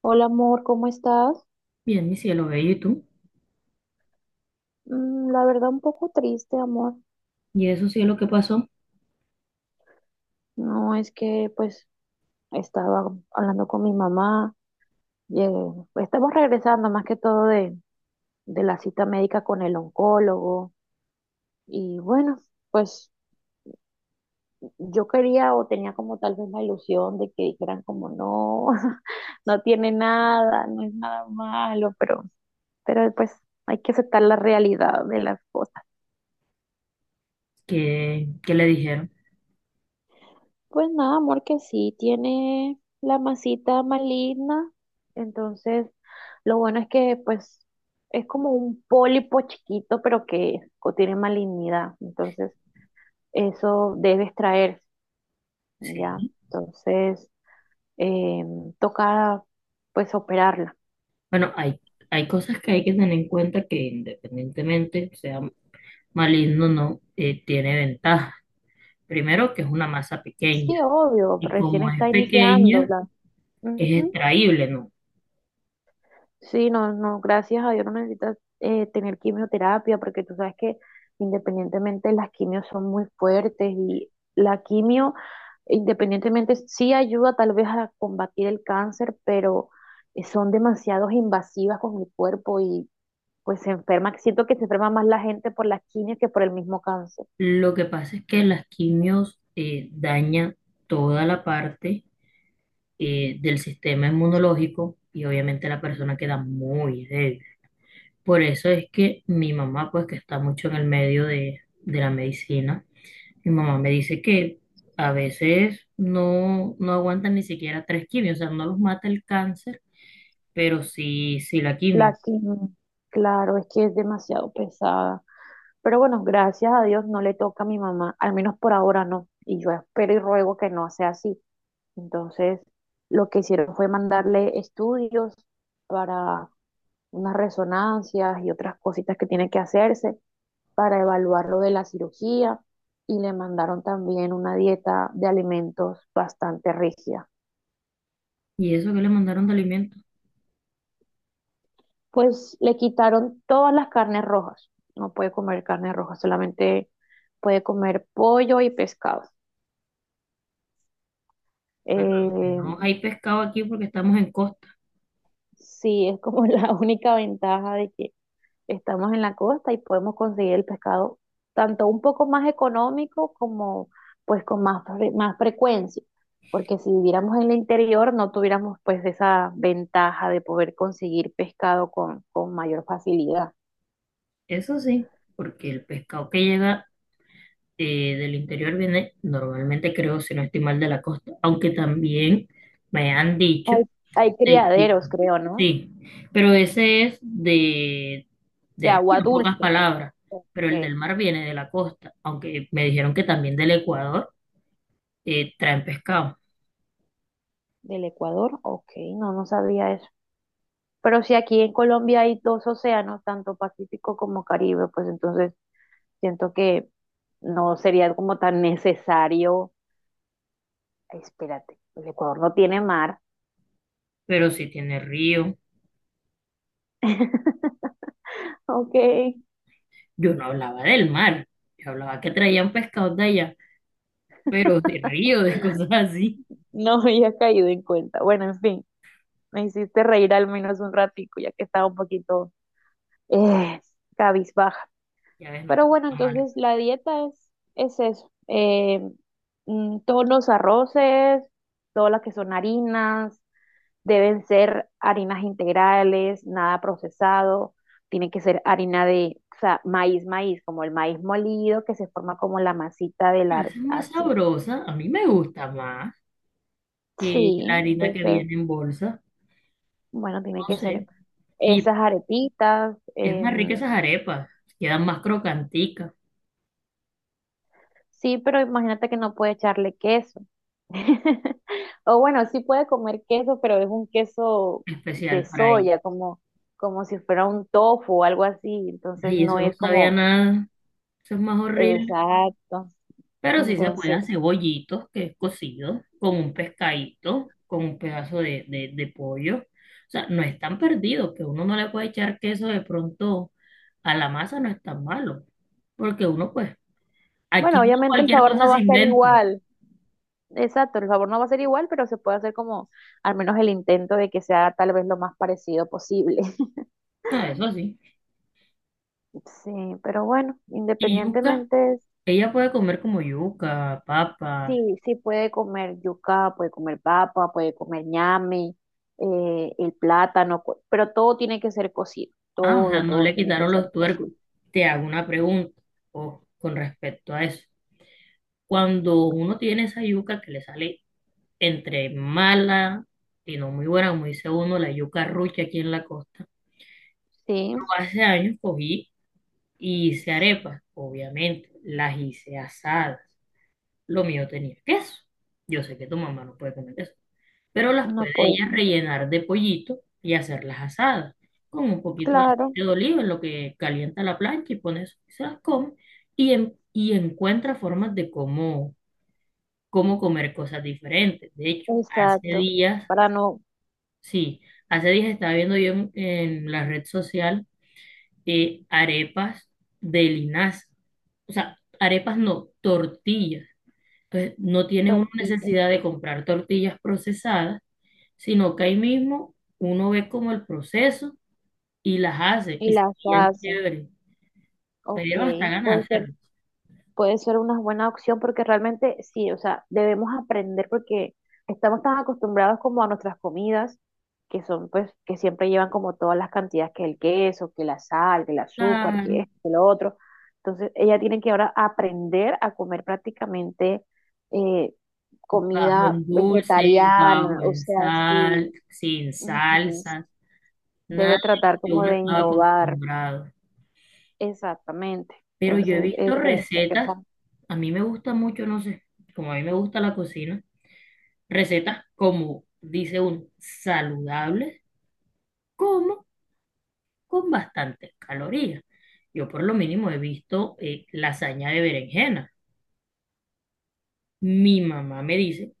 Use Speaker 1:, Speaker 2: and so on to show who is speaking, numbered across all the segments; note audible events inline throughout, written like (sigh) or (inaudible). Speaker 1: Hola amor, ¿cómo estás?
Speaker 2: Bien, mi cielo bello, ¿y tú?
Speaker 1: Mm, la verdad un poco triste, amor.
Speaker 2: ¿Y eso cielo qué pasó?
Speaker 1: No, es que pues estaba hablando con mi mamá. eh, pues, estamos regresando más que todo de la cita médica con el oncólogo. Y bueno, pues yo quería o tenía como tal vez la ilusión de que dijeran como no, (laughs) no tiene nada, no es nada malo, pero pues hay que aceptar la realidad de las cosas.
Speaker 2: ¿Qué le dijeron?
Speaker 1: Pues nada, amor, que sí, tiene la masita maligna, entonces lo bueno es que pues es como un pólipo chiquito, pero que contiene malignidad, entonces eso debe extraerse, ¿ya?
Speaker 2: Sí.
Speaker 1: Entonces eh, toca pues operarla.
Speaker 2: Bueno, hay cosas que hay que tener en cuenta que independientemente sea maligno o no, tiene ventaja. Primero, que es una masa
Speaker 1: Sí,
Speaker 2: pequeña.
Speaker 1: obvio,
Speaker 2: Y
Speaker 1: recién
Speaker 2: como es
Speaker 1: está iniciando
Speaker 2: pequeña,
Speaker 1: la...
Speaker 2: es extraíble, ¿no?
Speaker 1: Sí, no, no, gracias a Dios no necesitas tener quimioterapia porque tú sabes que independientemente las quimios son muy fuertes y la quimio independientemente sí ayuda tal vez a combatir el cáncer, pero son demasiado invasivas con el cuerpo y pues se enferma, siento que se enferma más la gente por las quimios que por el mismo cáncer.
Speaker 2: Lo que pasa es que las quimios dañan toda la parte del sistema inmunológico y obviamente la persona queda muy débil. Por eso es que mi mamá, pues que está mucho en el medio de la medicina, mi mamá me dice que a veces no, no aguantan ni siquiera tres quimios, o sea, no los mata el cáncer, pero sí, sí la
Speaker 1: La
Speaker 2: quimio.
Speaker 1: quimio, claro, es que es demasiado pesada. Pero bueno, gracias a Dios no le toca a mi mamá, al menos por ahora no. Y yo espero y ruego que no sea así. Entonces, lo que hicieron fue mandarle estudios para unas resonancias y otras cositas que tiene que hacerse para evaluar lo de la cirugía. Y le mandaron también una dieta de alimentos bastante rígida.
Speaker 2: ¿Y eso que le mandaron de alimentos?
Speaker 1: Pues le quitaron todas las carnes rojas. No puede comer carne roja, solamente puede comer pollo y pescado.
Speaker 2: Bueno, al menos
Speaker 1: Eh,
Speaker 2: hay pescado aquí porque estamos en costa.
Speaker 1: Sí, es como (laughs) la única ventaja de que estamos en la costa y podemos conseguir el pescado tanto un poco más económico como pues con más, más frecuencia, porque si viviéramos en el interior no tuviéramos pues esa ventaja de poder conseguir pescado con mayor facilidad.
Speaker 2: Eso sí, porque el pescado que llega del interior viene normalmente, creo, si no estoy mal, de la costa, aunque también me han dicho.
Speaker 1: Hay, hay
Speaker 2: Sí,
Speaker 1: criaderos, creo, ¿no?
Speaker 2: sí, pero ese es de,
Speaker 1: De
Speaker 2: de río,
Speaker 1: agua
Speaker 2: en pocas
Speaker 1: dulce.
Speaker 2: palabras,
Speaker 1: Ok.
Speaker 2: pero el del mar viene de la costa, aunque me dijeron que también del Ecuador traen pescado,
Speaker 1: Del Ecuador, ok, no, no sabía eso. Pero si aquí en Colombia hay dos océanos, tanto Pacífico como Caribe, pues entonces siento que no sería como tan necesario. Ay, espérate, el Ecuador no tiene mar.
Speaker 2: pero sí tiene río.
Speaker 1: (laughs) Ok,
Speaker 2: Yo no hablaba del mar, yo hablaba que traían pescados de allá, pero de río, de cosas así.
Speaker 1: no había caído en cuenta. Bueno, en fin, me hiciste reír al menos un ratico, ya que estaba un poquito eh, cabizbaja.
Speaker 2: Ya ves, no
Speaker 1: Pero
Speaker 2: te
Speaker 1: bueno,
Speaker 2: gusta mal.
Speaker 1: entonces la dieta es eso. Mm, todos los arroces, todas las que son harinas, deben ser harinas integrales, nada procesado, tiene que ser harina de, o sea, maíz, maíz, como el maíz molido que se forma como la masita
Speaker 2: A veces es más
Speaker 1: así.
Speaker 2: sabrosa, a mí me gusta más que
Speaker 1: Sí,
Speaker 2: la harina que
Speaker 1: entonces,
Speaker 2: viene en bolsa,
Speaker 1: bueno, tiene
Speaker 2: no
Speaker 1: que ser
Speaker 2: sé, y
Speaker 1: esas arepitas.
Speaker 2: es más rica esas arepas, quedan más crocanticas.
Speaker 1: Sí, pero imagínate que no puede echarle queso. (laughs) O bueno, sí puede comer queso, pero es un queso de
Speaker 2: Especial para ella.
Speaker 1: soya, como, como si fuera un tofu o algo así. Entonces
Speaker 2: Y
Speaker 1: no
Speaker 2: eso no
Speaker 1: es
Speaker 2: sabía
Speaker 1: como
Speaker 2: nada, eso es más horrible.
Speaker 1: exacto.
Speaker 2: Pero sí se puede
Speaker 1: Entonces,
Speaker 2: hacer bollitos, que es cocido, con un pescadito, con un pedazo de pollo. O sea, no es tan perdido, que uno no le puede echar queso de pronto a la masa, no es tan malo. Porque uno, pues,
Speaker 1: bueno,
Speaker 2: aquí uno
Speaker 1: obviamente el
Speaker 2: cualquier
Speaker 1: sabor
Speaker 2: cosa
Speaker 1: no va
Speaker 2: se
Speaker 1: a ser
Speaker 2: inventa.
Speaker 1: igual. Exacto, el sabor no va a ser igual, pero se puede hacer como al menos el intento de que sea tal vez lo más parecido posible. (laughs)
Speaker 2: Ah, eso sí.
Speaker 1: Sí, pero bueno,
Speaker 2: Y yuca,
Speaker 1: independientemente,
Speaker 2: ella puede comer como yuca, papa.
Speaker 1: sí, sí puede comer yuca, puede comer papa, puede comer ñame, el plátano, pero todo tiene que ser cocido,
Speaker 2: Ah, o
Speaker 1: todo,
Speaker 2: sea, no
Speaker 1: todo
Speaker 2: le
Speaker 1: tiene que
Speaker 2: quitaron
Speaker 1: ser
Speaker 2: los tuercos.
Speaker 1: cocido.
Speaker 2: Te hago una pregunta, oh, con respecto a eso. Cuando uno tiene esa yuca que le sale entre mala y no muy buena, como dice uno, la yuca rucha aquí en la costa,
Speaker 1: Sí,
Speaker 2: yo hace años cogí y hice arepas, obviamente, las hice asadas. Lo mío tenía queso. Yo sé que tu mamá no puede comer queso, pero las
Speaker 1: no
Speaker 2: puede ella
Speaker 1: puede.
Speaker 2: rellenar de pollito y hacerlas asadas, con un poquito de
Speaker 1: Claro,
Speaker 2: aceite de oliva, en lo que calienta la plancha y pones, se las come y, y encuentra formas de cómo comer cosas diferentes. De hecho, hace
Speaker 1: exacto,
Speaker 2: días,
Speaker 1: para no
Speaker 2: sí, hace días estaba viendo yo en la red social arepas de linaza. O sea, arepas no, tortillas. Entonces, no tiene una
Speaker 1: tortillas.
Speaker 2: necesidad de comprar tortillas procesadas, sino que ahí mismo uno ve como el proceso y las hace
Speaker 1: Y
Speaker 2: y
Speaker 1: la
Speaker 2: serían
Speaker 1: salsa.
Speaker 2: chéveres.
Speaker 1: Ok,
Speaker 2: Pero hasta ganas
Speaker 1: puede
Speaker 2: de
Speaker 1: ser,
Speaker 2: hacerlo.
Speaker 1: puede ser una buena opción porque realmente sí, o sea, debemos aprender porque estamos tan acostumbrados como a nuestras comidas, que son pues, que siempre llevan como todas las cantidades, que el queso, que la sal, que el azúcar, que
Speaker 2: Claro,
Speaker 1: esto, que lo otro. Entonces, ella tiene que ahora aprender a comer prácticamente eh,
Speaker 2: bajo
Speaker 1: comida
Speaker 2: en dulce,
Speaker 1: vegetariana,
Speaker 2: bajo
Speaker 1: o
Speaker 2: en
Speaker 1: sea, sí,
Speaker 2: sal, sin
Speaker 1: ujú,
Speaker 2: salsas. Nada
Speaker 1: debe
Speaker 2: de
Speaker 1: tratar
Speaker 2: lo que
Speaker 1: como
Speaker 2: uno
Speaker 1: de
Speaker 2: estaba
Speaker 1: innovar,
Speaker 2: acostumbrado.
Speaker 1: exactamente.
Speaker 2: Pero yo he
Speaker 1: Entonces,
Speaker 2: visto
Speaker 1: eso es lo que
Speaker 2: recetas,
Speaker 1: pasa.
Speaker 2: a mí me gusta mucho, no sé, como a mí me gusta la cocina, recetas como, dice uno, saludables, como con bastantes calorías. Yo por lo mínimo he visto lasaña de berenjena. Mi mamá me dice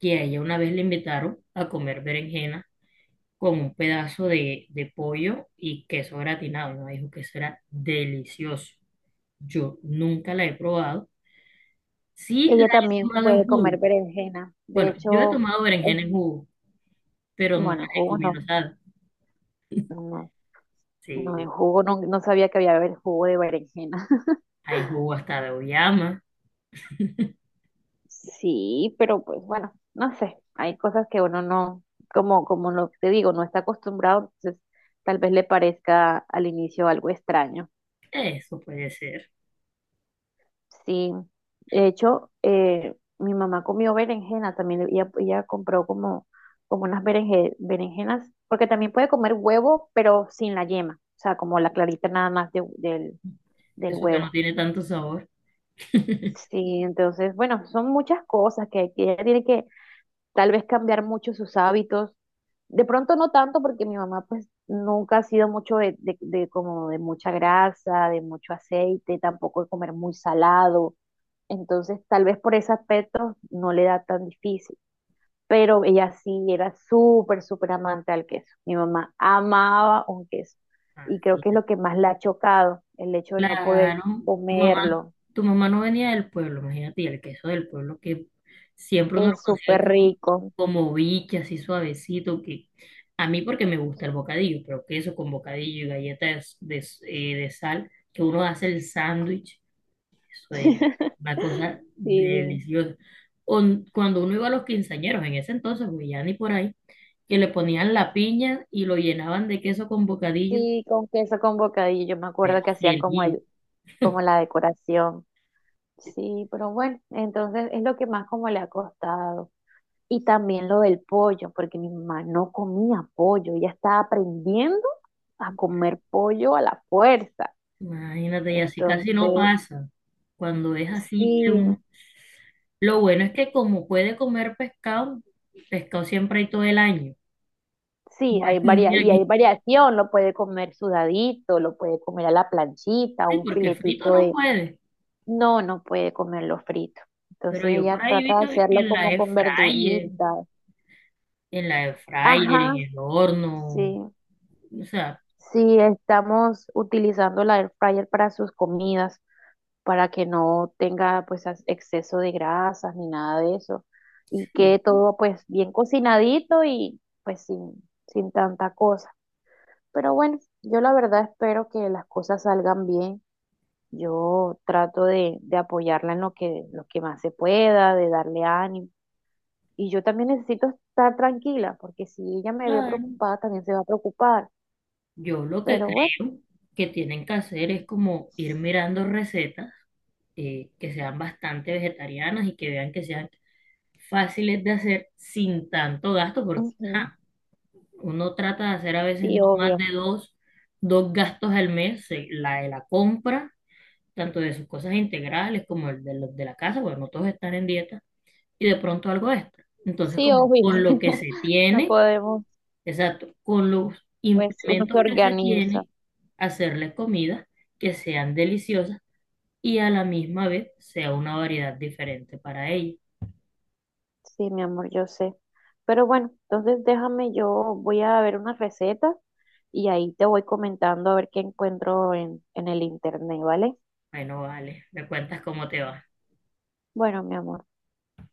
Speaker 2: que a ella una vez le invitaron a comer berenjena con un pedazo de pollo y queso gratinado. Me dijo que eso era delicioso. Yo nunca la he probado. Sí, la
Speaker 1: Ella
Speaker 2: he
Speaker 1: también
Speaker 2: tomado en
Speaker 1: puede comer
Speaker 2: jugo.
Speaker 1: berenjena. De
Speaker 2: Bueno, yo he
Speaker 1: hecho,
Speaker 2: tomado
Speaker 1: es-
Speaker 2: berenjena en jugo, pero no la
Speaker 1: bueno,
Speaker 2: he
Speaker 1: jugo
Speaker 2: comido
Speaker 1: no,
Speaker 2: asada.
Speaker 1: no, no en
Speaker 2: Sí,
Speaker 1: jugo, no, no sabía que había haber jugo de berenjena. (laughs)
Speaker 2: hay jugo hasta de oyama.
Speaker 1: Sí, pero pues bueno, no sé, hay cosas que uno no, como, como lo te digo, no está acostumbrado, entonces tal vez le parezca al inicio algo extraño.
Speaker 2: Eso puede ser.
Speaker 1: Sí, de hecho, mi mamá comió berenjena, también ella compró como, como unas berenjenas, porque también puede comer huevo, pero sin la yema, o sea, como la clarita nada más del, del
Speaker 2: Eso que no
Speaker 1: huevo.
Speaker 2: tiene tanto sabor.
Speaker 1: Sí, entonces, bueno, son muchas cosas que ella tiene que, tal vez cambiar mucho sus hábitos. De pronto no tanto porque mi mamá pues nunca ha sido mucho de como de mucha grasa, de mucho aceite, tampoco de comer muy salado. Entonces tal vez por ese aspecto no le da tan difícil. Pero ella sí era súper, súper amante al queso. Mi mamá amaba un queso.
Speaker 2: Ah,
Speaker 1: Y creo que es
Speaker 2: mira.
Speaker 1: lo que más la ha chocado, el hecho de no poder
Speaker 2: Claro, tu mamá,
Speaker 1: comerlo.
Speaker 2: tu mamá no venía del pueblo, imagínate, y el queso del pueblo que siempre uno lo
Speaker 1: Es súper
Speaker 2: consigue como,
Speaker 1: rico.
Speaker 2: como biche, así suavecito, que a mí porque me gusta el bocadillo, pero queso con bocadillo y galletas de, de sal, que uno hace el sándwich. Eso es
Speaker 1: (laughs)
Speaker 2: una cosa
Speaker 1: Sí.
Speaker 2: deliciosa. Cuando uno iba a los quinceañeros, en ese entonces, pues ya ni por ahí, que le ponían la piña y lo llenaban de queso con bocadillo,
Speaker 1: Sí, con queso, con bocadillo. Yo me
Speaker 2: era
Speaker 1: acuerdo que hacían como
Speaker 2: feliz.
Speaker 1: como la decoración. Sí, pero bueno, entonces es lo que más como le ha costado. Y también lo del pollo, porque mi mamá no comía pollo, ella estaba aprendiendo a comer pollo a la fuerza.
Speaker 2: Imagínate, y así casi no
Speaker 1: Entonces,
Speaker 2: pasa. Cuando es así que
Speaker 1: sí,
Speaker 2: un. Lo bueno es que como puede comer pescado, pescado siempre hay todo el año.
Speaker 1: sí, hay
Speaker 2: (laughs) Un día
Speaker 1: y hay
Speaker 2: aquí,
Speaker 1: variación, lo puede comer sudadito, lo puede comer a la planchita,
Speaker 2: sí,
Speaker 1: un
Speaker 2: porque frito
Speaker 1: filetito
Speaker 2: no
Speaker 1: de,
Speaker 2: puede.
Speaker 1: no, no puede comerlo frito.
Speaker 2: Pero
Speaker 1: Entonces
Speaker 2: yo
Speaker 1: ella
Speaker 2: por ahí
Speaker 1: trata
Speaker 2: vi
Speaker 1: de
Speaker 2: que
Speaker 1: hacerlo
Speaker 2: en la
Speaker 1: como
Speaker 2: air
Speaker 1: con
Speaker 2: fryer,
Speaker 1: verduritas.
Speaker 2: en la air fryer, en
Speaker 1: Ajá,
Speaker 2: el horno,
Speaker 1: sí.
Speaker 2: o sea.
Speaker 1: Sí, estamos utilizando la air fryer para sus comidas, para que no tenga pues exceso de grasas ni nada de eso. Y quede
Speaker 2: Sí,
Speaker 1: todo pues bien cocinadito y pues sin tanta cosa. Pero bueno, yo la verdad espero que las cosas salgan bien. Yo trato de apoyarla en lo lo que más se pueda, de darle ánimo. Y yo también necesito estar tranquila, porque si ella me ve
Speaker 2: claro.
Speaker 1: preocupada, también se va a preocupar.
Speaker 2: Yo lo que
Speaker 1: Pero bueno,
Speaker 2: creo que tienen que hacer es como ir mirando recetas que sean bastante vegetarianas y que vean que sean fáciles de hacer sin tanto gasto, porque
Speaker 1: ujú,
Speaker 2: ajá, uno trata de hacer a veces
Speaker 1: sí,
Speaker 2: no más
Speaker 1: obvio.
Speaker 2: de dos gastos al mes, la de la compra, tanto de sus cosas integrales como el de los de la casa, porque no todos están en dieta, y de pronto algo extra. Entonces,
Speaker 1: Sí,
Speaker 2: como
Speaker 1: obvio.
Speaker 2: con lo que
Speaker 1: (laughs)
Speaker 2: se
Speaker 1: No
Speaker 2: tiene.
Speaker 1: podemos,
Speaker 2: Exacto. Con los
Speaker 1: pues uno se
Speaker 2: implementos que se
Speaker 1: organiza.
Speaker 2: tienen, hacerles comidas que sean deliciosas y a la misma vez sea una variedad diferente para ella.
Speaker 1: Sí, mi amor, yo sé. Pero bueno, entonces déjame, yo voy a ver unas recetas y ahí te voy comentando a ver qué encuentro en el internet, ¿vale?
Speaker 2: Bueno, vale, me cuentas cómo te va.
Speaker 1: Bueno, mi amor.